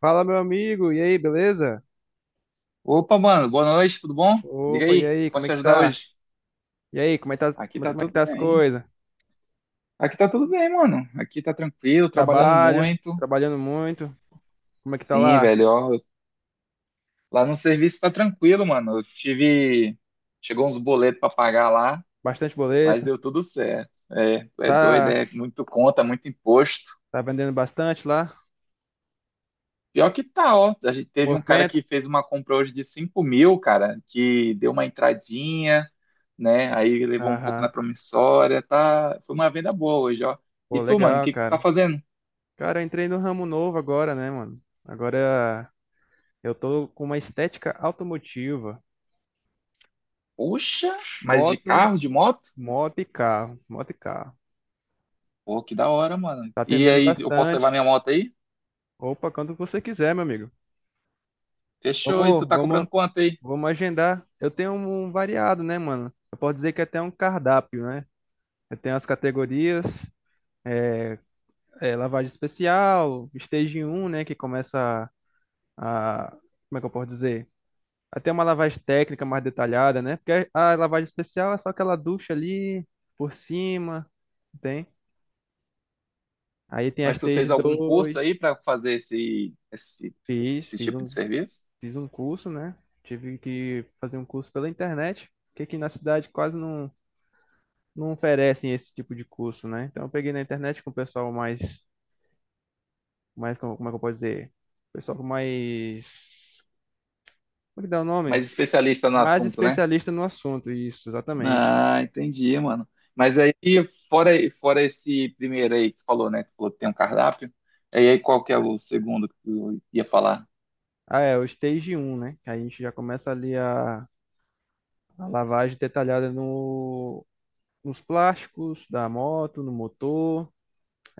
Fala, meu amigo, e aí, beleza? Opa, mano, boa noite, tudo bom? Diga Opa, e aí, aí, como posso é te que ajudar tá? hoje? E aí, como é que tá, Aqui como é tá como é que tudo tá as bem. coisas? Aqui tá tudo bem, mano. Aqui tá tranquilo, trabalhando Trabalho, muito. trabalhando muito, como é que tá Sim, lá? velho, ó, lá no serviço tá tranquilo, mano. Eu tive. Chegou uns boletos pra pagar lá, Bastante mas boleto, deu tudo certo. É doido, tá, é muito conta, muito imposto. tá vendendo bastante lá? Pior que tá, ó. A gente teve um cara Movimento? que fez uma compra hoje de 5.000, cara, que deu uma entradinha, né? Aí levou um pouco na Aham, promissória, tá? Foi uma venda boa hoje, ó. E pô, tu, mano, o legal, que que tu tá cara. fazendo? Cara, eu entrei no ramo novo agora, né, mano? Agora eu tô com uma estética automotiva, Puxa, mas de moto, carro, de moto? moto e carro, moto e carro. Pô, que da hora, mano. Tá E atendendo aí, eu posso levar bastante. minha moto aí? Opa, quando você quiser, meu amigo. Fechou, e tu Vamos, tá vamos. cobrando quanto aí? Vamos agendar. Eu tenho um variado, né, mano? Eu posso dizer que é até um cardápio, né? Eu tenho as categorias, é, lavagem especial, stage um, né, que começa a, a- como é que eu posso dizer? Até uma lavagem técnica mais detalhada, né? Porque a lavagem especial é só aquela ducha ali por cima, tem? Aí tem a Mas tu stage fez algum curso 2. aí pra fazer esse, esse, fiz, esse fiz tipo um, de serviço? Fiz um curso, né? Tive que fazer um curso pela internet, porque aqui na cidade quase não oferecem esse tipo de curso, né? Então eu peguei na internet com o pessoal mais, como é que eu posso dizer? Pessoal mais, como é que dá o nome? Mas especialista no Mais assunto, né? especialista no assunto, isso, exatamente. Ah, entendi, mano. Mas aí, fora, fora esse primeiro aí que tu falou, né? Tu falou que tem um cardápio. Aí qual que é o segundo que tu ia falar? Ah, é, o Stage um, né? Que a gente já começa ali a lavagem detalhada no, nos plásticos da moto, no motor.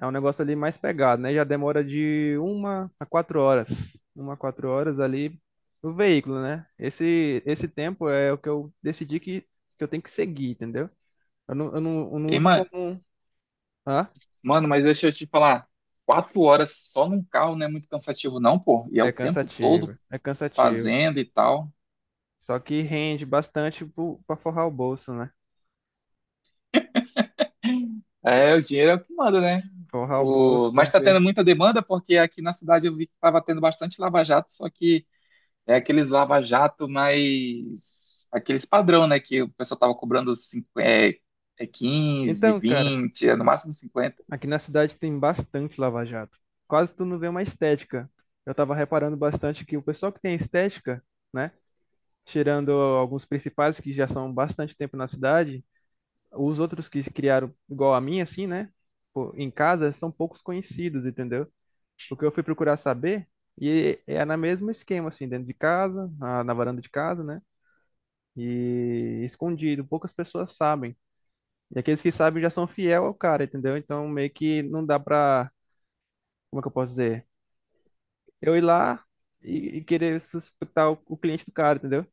É um negócio ali mais pegado, né? Já demora de uma a quatro horas. Uma a quatro horas ali no veículo, né? Esse tempo é o que eu decidi que eu tenho que seguir, entendeu? Eu não Ei, uso como. ma- Hã? Mano, mas deixa eu te falar. 4 horas só num carro não é muito cansativo, não, pô. E é É o tempo todo cansativo, é cansativo. fazendo e tal. Só que rende bastante pra forrar o bolso, né? É, o dinheiro é o que manda, né? Forrar o bolso, O... Mas tá porque. tendo muita demanda, porque aqui na cidade eu vi que tava tendo bastante lava-jato, só que é aqueles lava-jato mais. Aqueles padrão, né? Que o pessoal tava cobrando 5, é 15, Então, cara, 20, é no máximo 50. aqui na cidade tem bastante lava-jato. Quase tu não vê uma estética. Eu tava reparando bastante que o pessoal que tem estética, né, tirando alguns principais que já são bastante tempo na cidade, os outros que se criaram igual a mim, assim, né, pô, em casa são poucos conhecidos, entendeu? Porque eu fui procurar saber e é no mesmo esquema, assim, dentro de casa, na varanda de casa, né? E escondido, poucas pessoas sabem. E aqueles que sabem já são fiel ao cara, entendeu? Então meio que não dá pra, como é que eu posso dizer? Eu ir lá e querer suspeitar o cliente do cara, entendeu?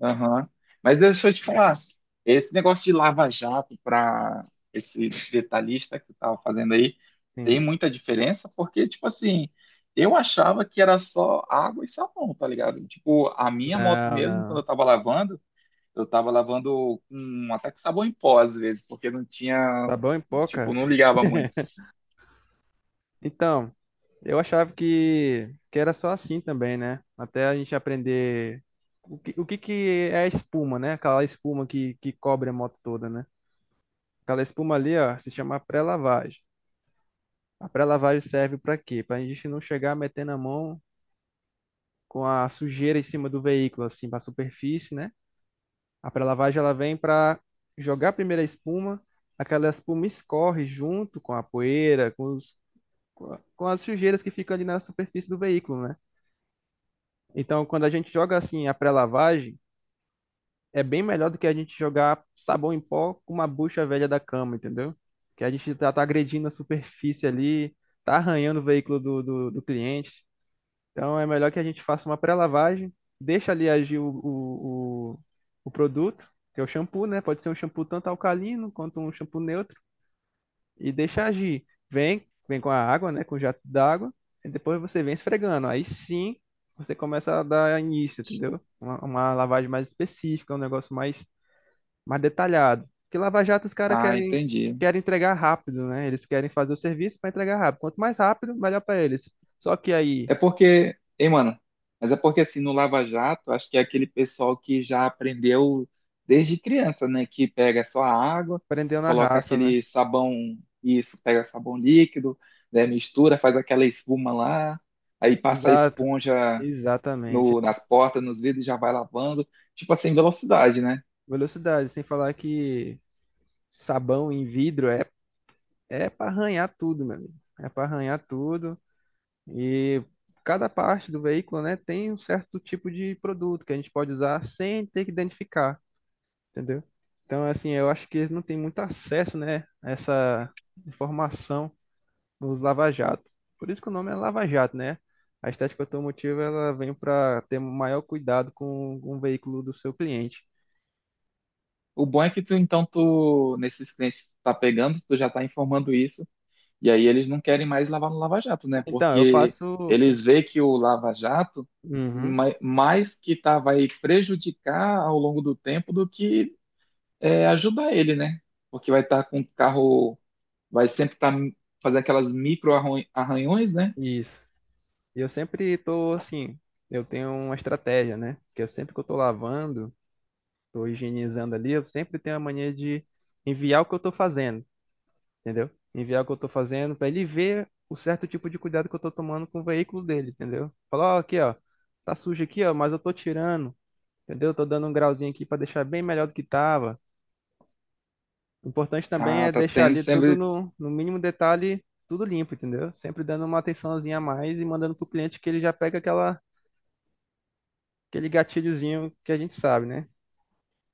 Aham. Mas deixa eu te falar, esse negócio de lava-jato para esse detalhista que tu tava fazendo aí, tem Sim. muita diferença, porque, tipo assim, eu achava que era só água e sabão, tá ligado? Tipo, a minha moto Não, mesmo, quando não. Eu tava lavando com até com sabão em pó, às vezes, porque não tinha. Tá bom em pó, Tipo, cara. não ligava muito. Então. Eu achava que era só assim também, né? Até a gente aprender o que que é a espuma, né? Aquela espuma que cobre a moto toda, né? Aquela espuma ali, ó, se chama pré-lavagem. A pré-lavagem serve para quê? Para a gente não chegar metendo a mão com a sujeira em cima do veículo, assim, para a superfície, né? A pré-lavagem ela vem para jogar primeiro a espuma, aquela espuma escorre junto com a poeira, com as sujeiras que ficam ali na superfície do veículo, né? Então, quando a gente joga assim a pré-lavagem, é bem melhor do que a gente jogar sabão em pó com uma bucha velha da cama, entendeu? Que a gente tá agredindo a superfície ali, tá arranhando o veículo do cliente. Então, é melhor que a gente faça uma pré-lavagem, deixa ali agir o produto, que é o shampoo, né? Pode ser um shampoo tanto alcalino quanto um shampoo neutro e deixa agir. Vem com a água, né? Com o jato d'água, e depois você vem esfregando. Aí sim você começa a dar início, entendeu? Uma lavagem mais específica, um negócio mais detalhado. Porque lava-jato os caras Ah, querem, entendi. querem entregar rápido, né? Eles querem fazer o serviço para entregar rápido. Quanto mais rápido, melhor para eles. Só que aí, É porque, hein, mano? Mas é porque assim, no Lava Jato, acho que é aquele pessoal que já aprendeu desde criança, né? Que pega só a água, prendeu na coloca raça, né? aquele sabão, isso, pega sabão líquido, né? Mistura, faz aquela espuma lá, aí passa a Exato, esponja exatamente. no, nas portas, nos vidros, e já vai lavando, tipo assim, velocidade, né? Velocidade, sem falar que sabão em vidro é para arranhar tudo, meu amigo. É para arranhar tudo. E cada parte do veículo, né, tem um certo tipo de produto que a gente pode usar sem ter que identificar, entendeu? Então, assim, eu acho que eles não têm muito acesso, né, a essa informação nos lava-jato. Por isso que o nome é lava-jato, né? A estética automotiva, ela vem para ter maior cuidado com o veículo do seu cliente. O bom é que tu, então, tu, nesses clientes que tu tá pegando, tu já tá informando isso. E aí eles não querem mais lavar no Lava Jato, né? Então, eu Porque faço... eles veem que o Lava Jato Uhum, mais que tá, vai prejudicar ao longo do tempo do que é, ajudar ele, né? Porque vai estar com o carro, vai sempre estar fazendo aquelas micro arranhões, né? isso. E eu sempre tô, assim, eu tenho uma estratégia, né? Que eu sempre que eu tô lavando, estou higienizando ali, eu sempre tenho a mania de enviar o que eu estou fazendo, entendeu? Enviar o que eu estou fazendo para ele ver o certo tipo de cuidado que eu estou tomando com o veículo dele, entendeu? Falar, ó, aqui, ó, tá sujo aqui, ó, mas eu estou tirando, entendeu? Estou dando um grauzinho aqui para deixar bem melhor do que tava. O importante também Ah, é tá deixar tendo ali tudo sempre. No mínimo detalhe, tudo limpo, entendeu? Sempre dando uma atençãozinha a mais e mandando pro cliente que ele já pega aquele gatilhozinho que a gente sabe, né?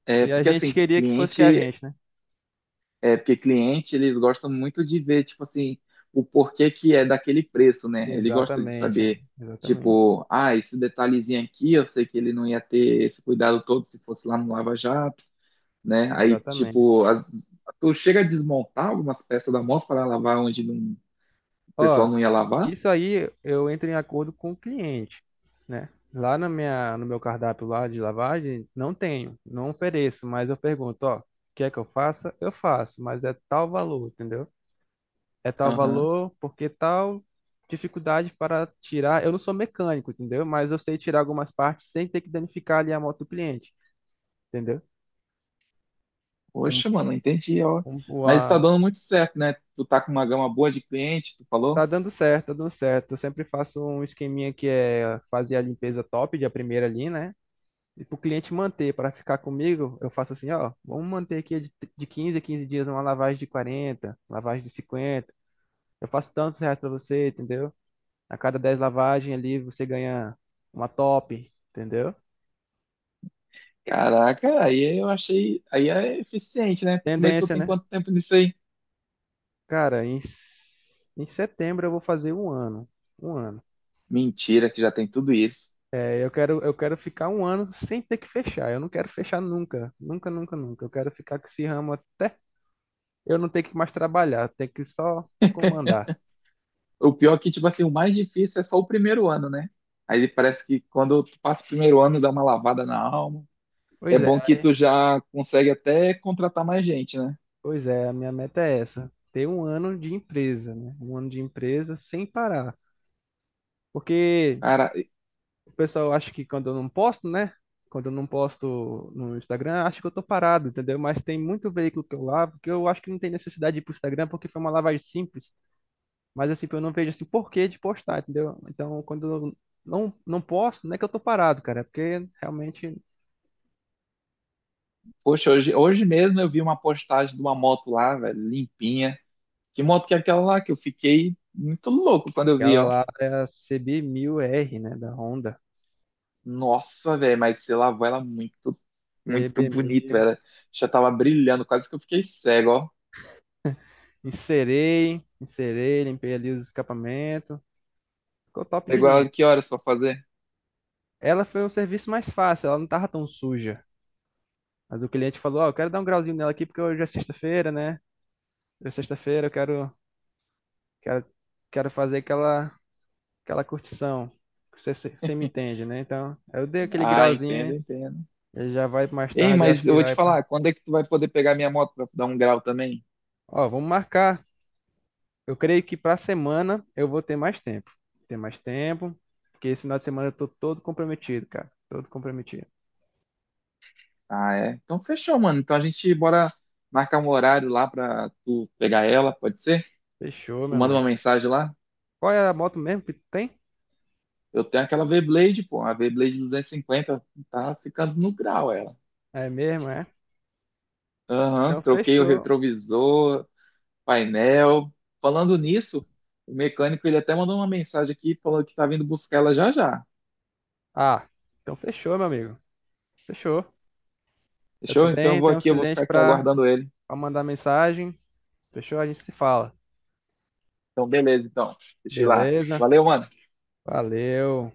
É, Que a porque gente assim, queria que fosse que é a cliente gente, né? É, porque cliente, eles gostam muito de ver, tipo assim, o porquê que é daquele preço, né? Ele gosta de Exatamente, amigo, saber, exatamente, tipo, ah, esse detalhezinho aqui, eu sei que ele não ia ter esse cuidado todo se fosse lá no Lava Jato, né? Aí, exatamente. tipo, tu chega a desmontar algumas peças da moto para lavar onde o Ó, pessoal não ia lavar? isso aí eu entro em acordo com o cliente, né? Lá na minha, no meu cardápio lá de lavagem, não tenho, não ofereço, mas eu pergunto, ó, quer que eu faça? Eu faço, mas é tal valor, entendeu? É tal Aham. valor porque tal dificuldade para tirar. Eu não sou mecânico, entendeu? Mas eu sei tirar algumas partes sem ter que danificar ali a moto do cliente, entendeu? Como, Poxa, mano, entendi, ó. como Mas tá a, dando muito certo, né? Tu tá com uma gama boa de cliente, tu Tá falou? dando certo, tá dando certo. Eu sempre faço um esqueminha que é fazer a limpeza top de a primeira ali, né? E pro cliente manter, para ficar comigo, eu faço assim, ó, vamos manter aqui de 15 a 15 dias uma lavagem de 40, lavagem de 50. Eu faço tantos reais para você, entendeu? A cada 10 lavagens ali você ganha uma top, entendeu? Caraca, aí eu achei. Aí é eficiente, né? Tu começou Tendência, tem né? quanto tempo nisso aí? Cara, em setembro eu vou fazer um ano. Um ano. Mentira, que já tem tudo isso. Eu quero ficar um ano sem ter que fechar. Eu não quero fechar nunca. Nunca, nunca, nunca. Eu quero ficar com esse ramo até eu não ter que mais trabalhar, ter que só comandar. O pior é que, tipo assim, o mais difícil é só o primeiro ano, né? Aí parece que quando tu passa o primeiro ano, dá uma lavada na alma. É Pois é, bom que tu aí- já consegue até contratar mais gente, né? pois é, a minha meta é essa, ter um ano de empresa, né? Um ano de empresa sem parar. Porque Cara, o pessoal acha que quando eu não posto, né? Quando eu não posto no Instagram, acha que eu tô parado, entendeu? Mas tem muito veículo que eu lavo que eu acho que não tem necessidade de ir pro Instagram porque foi uma lavagem simples. Mas assim, eu não vejo assim porquê de postar, entendeu? Então, quando eu não posto, não é que eu tô parado, cara, é porque realmente poxa, hoje mesmo eu vi uma postagem de uma moto lá, velho, limpinha. Que moto que é aquela lá que eu fiquei muito louco quando eu vi, aquela ó. lá é a CB1000R, né, da Honda. Nossa, velho, mas você lavou ela muito, muito bonito, CB1000. velho. Já tava brilhando, quase que eu fiquei cego, ó. Inserei, inserei, limpei ali os escapamentos. Ficou top de Pegou ela linha. que horas pra fazer? Ela foi o serviço mais fácil, ela não tava tão suja. Mas o cliente falou, ó, eu quero dar um grauzinho nela aqui porque hoje é sexta-feira, né? Hoje é sexta-feira, eu quero, quero, quero fazer aquela, aquela curtição. Você me entende, né? Então, eu dei aquele Ah, entendo, grauzinho. entendo. Ele já vai mais Ei, tarde, eu acho mas eu que vou te vai pra... falar, quando é que tu vai poder pegar minha moto pra dar um grau também? Ó, vamos marcar. Eu creio que pra semana eu vou ter mais tempo. Ter mais tempo, porque esse final de semana eu tô todo comprometido, cara. Todo comprometido. Ah, é? Então fechou, mano. Então a gente bora marcar um horário lá pra tu pegar ela, pode ser? Fechou, Tu meu manda uma amigo. mensagem lá. Qual é a moto mesmo que tu tem? Eu tenho aquela V-Blade, pô, a V-Blade 250, tá ficando no grau ela. É mesmo, é? Então Aham, troquei o fechou. retrovisor, painel. Falando nisso, o mecânico ele até mandou uma mensagem aqui falando que tá vindo buscar ela já já. Ah, então fechou, meu amigo. Fechou. Eu Fechou? Então eu também vou tenho uns aqui, eu vou clientes ficar aqui pra aguardando ele. pra mandar mensagem. Fechou? A gente se fala. Então beleza, então. Deixa eu ir lá. Beleza? Valeu, mano. Valeu.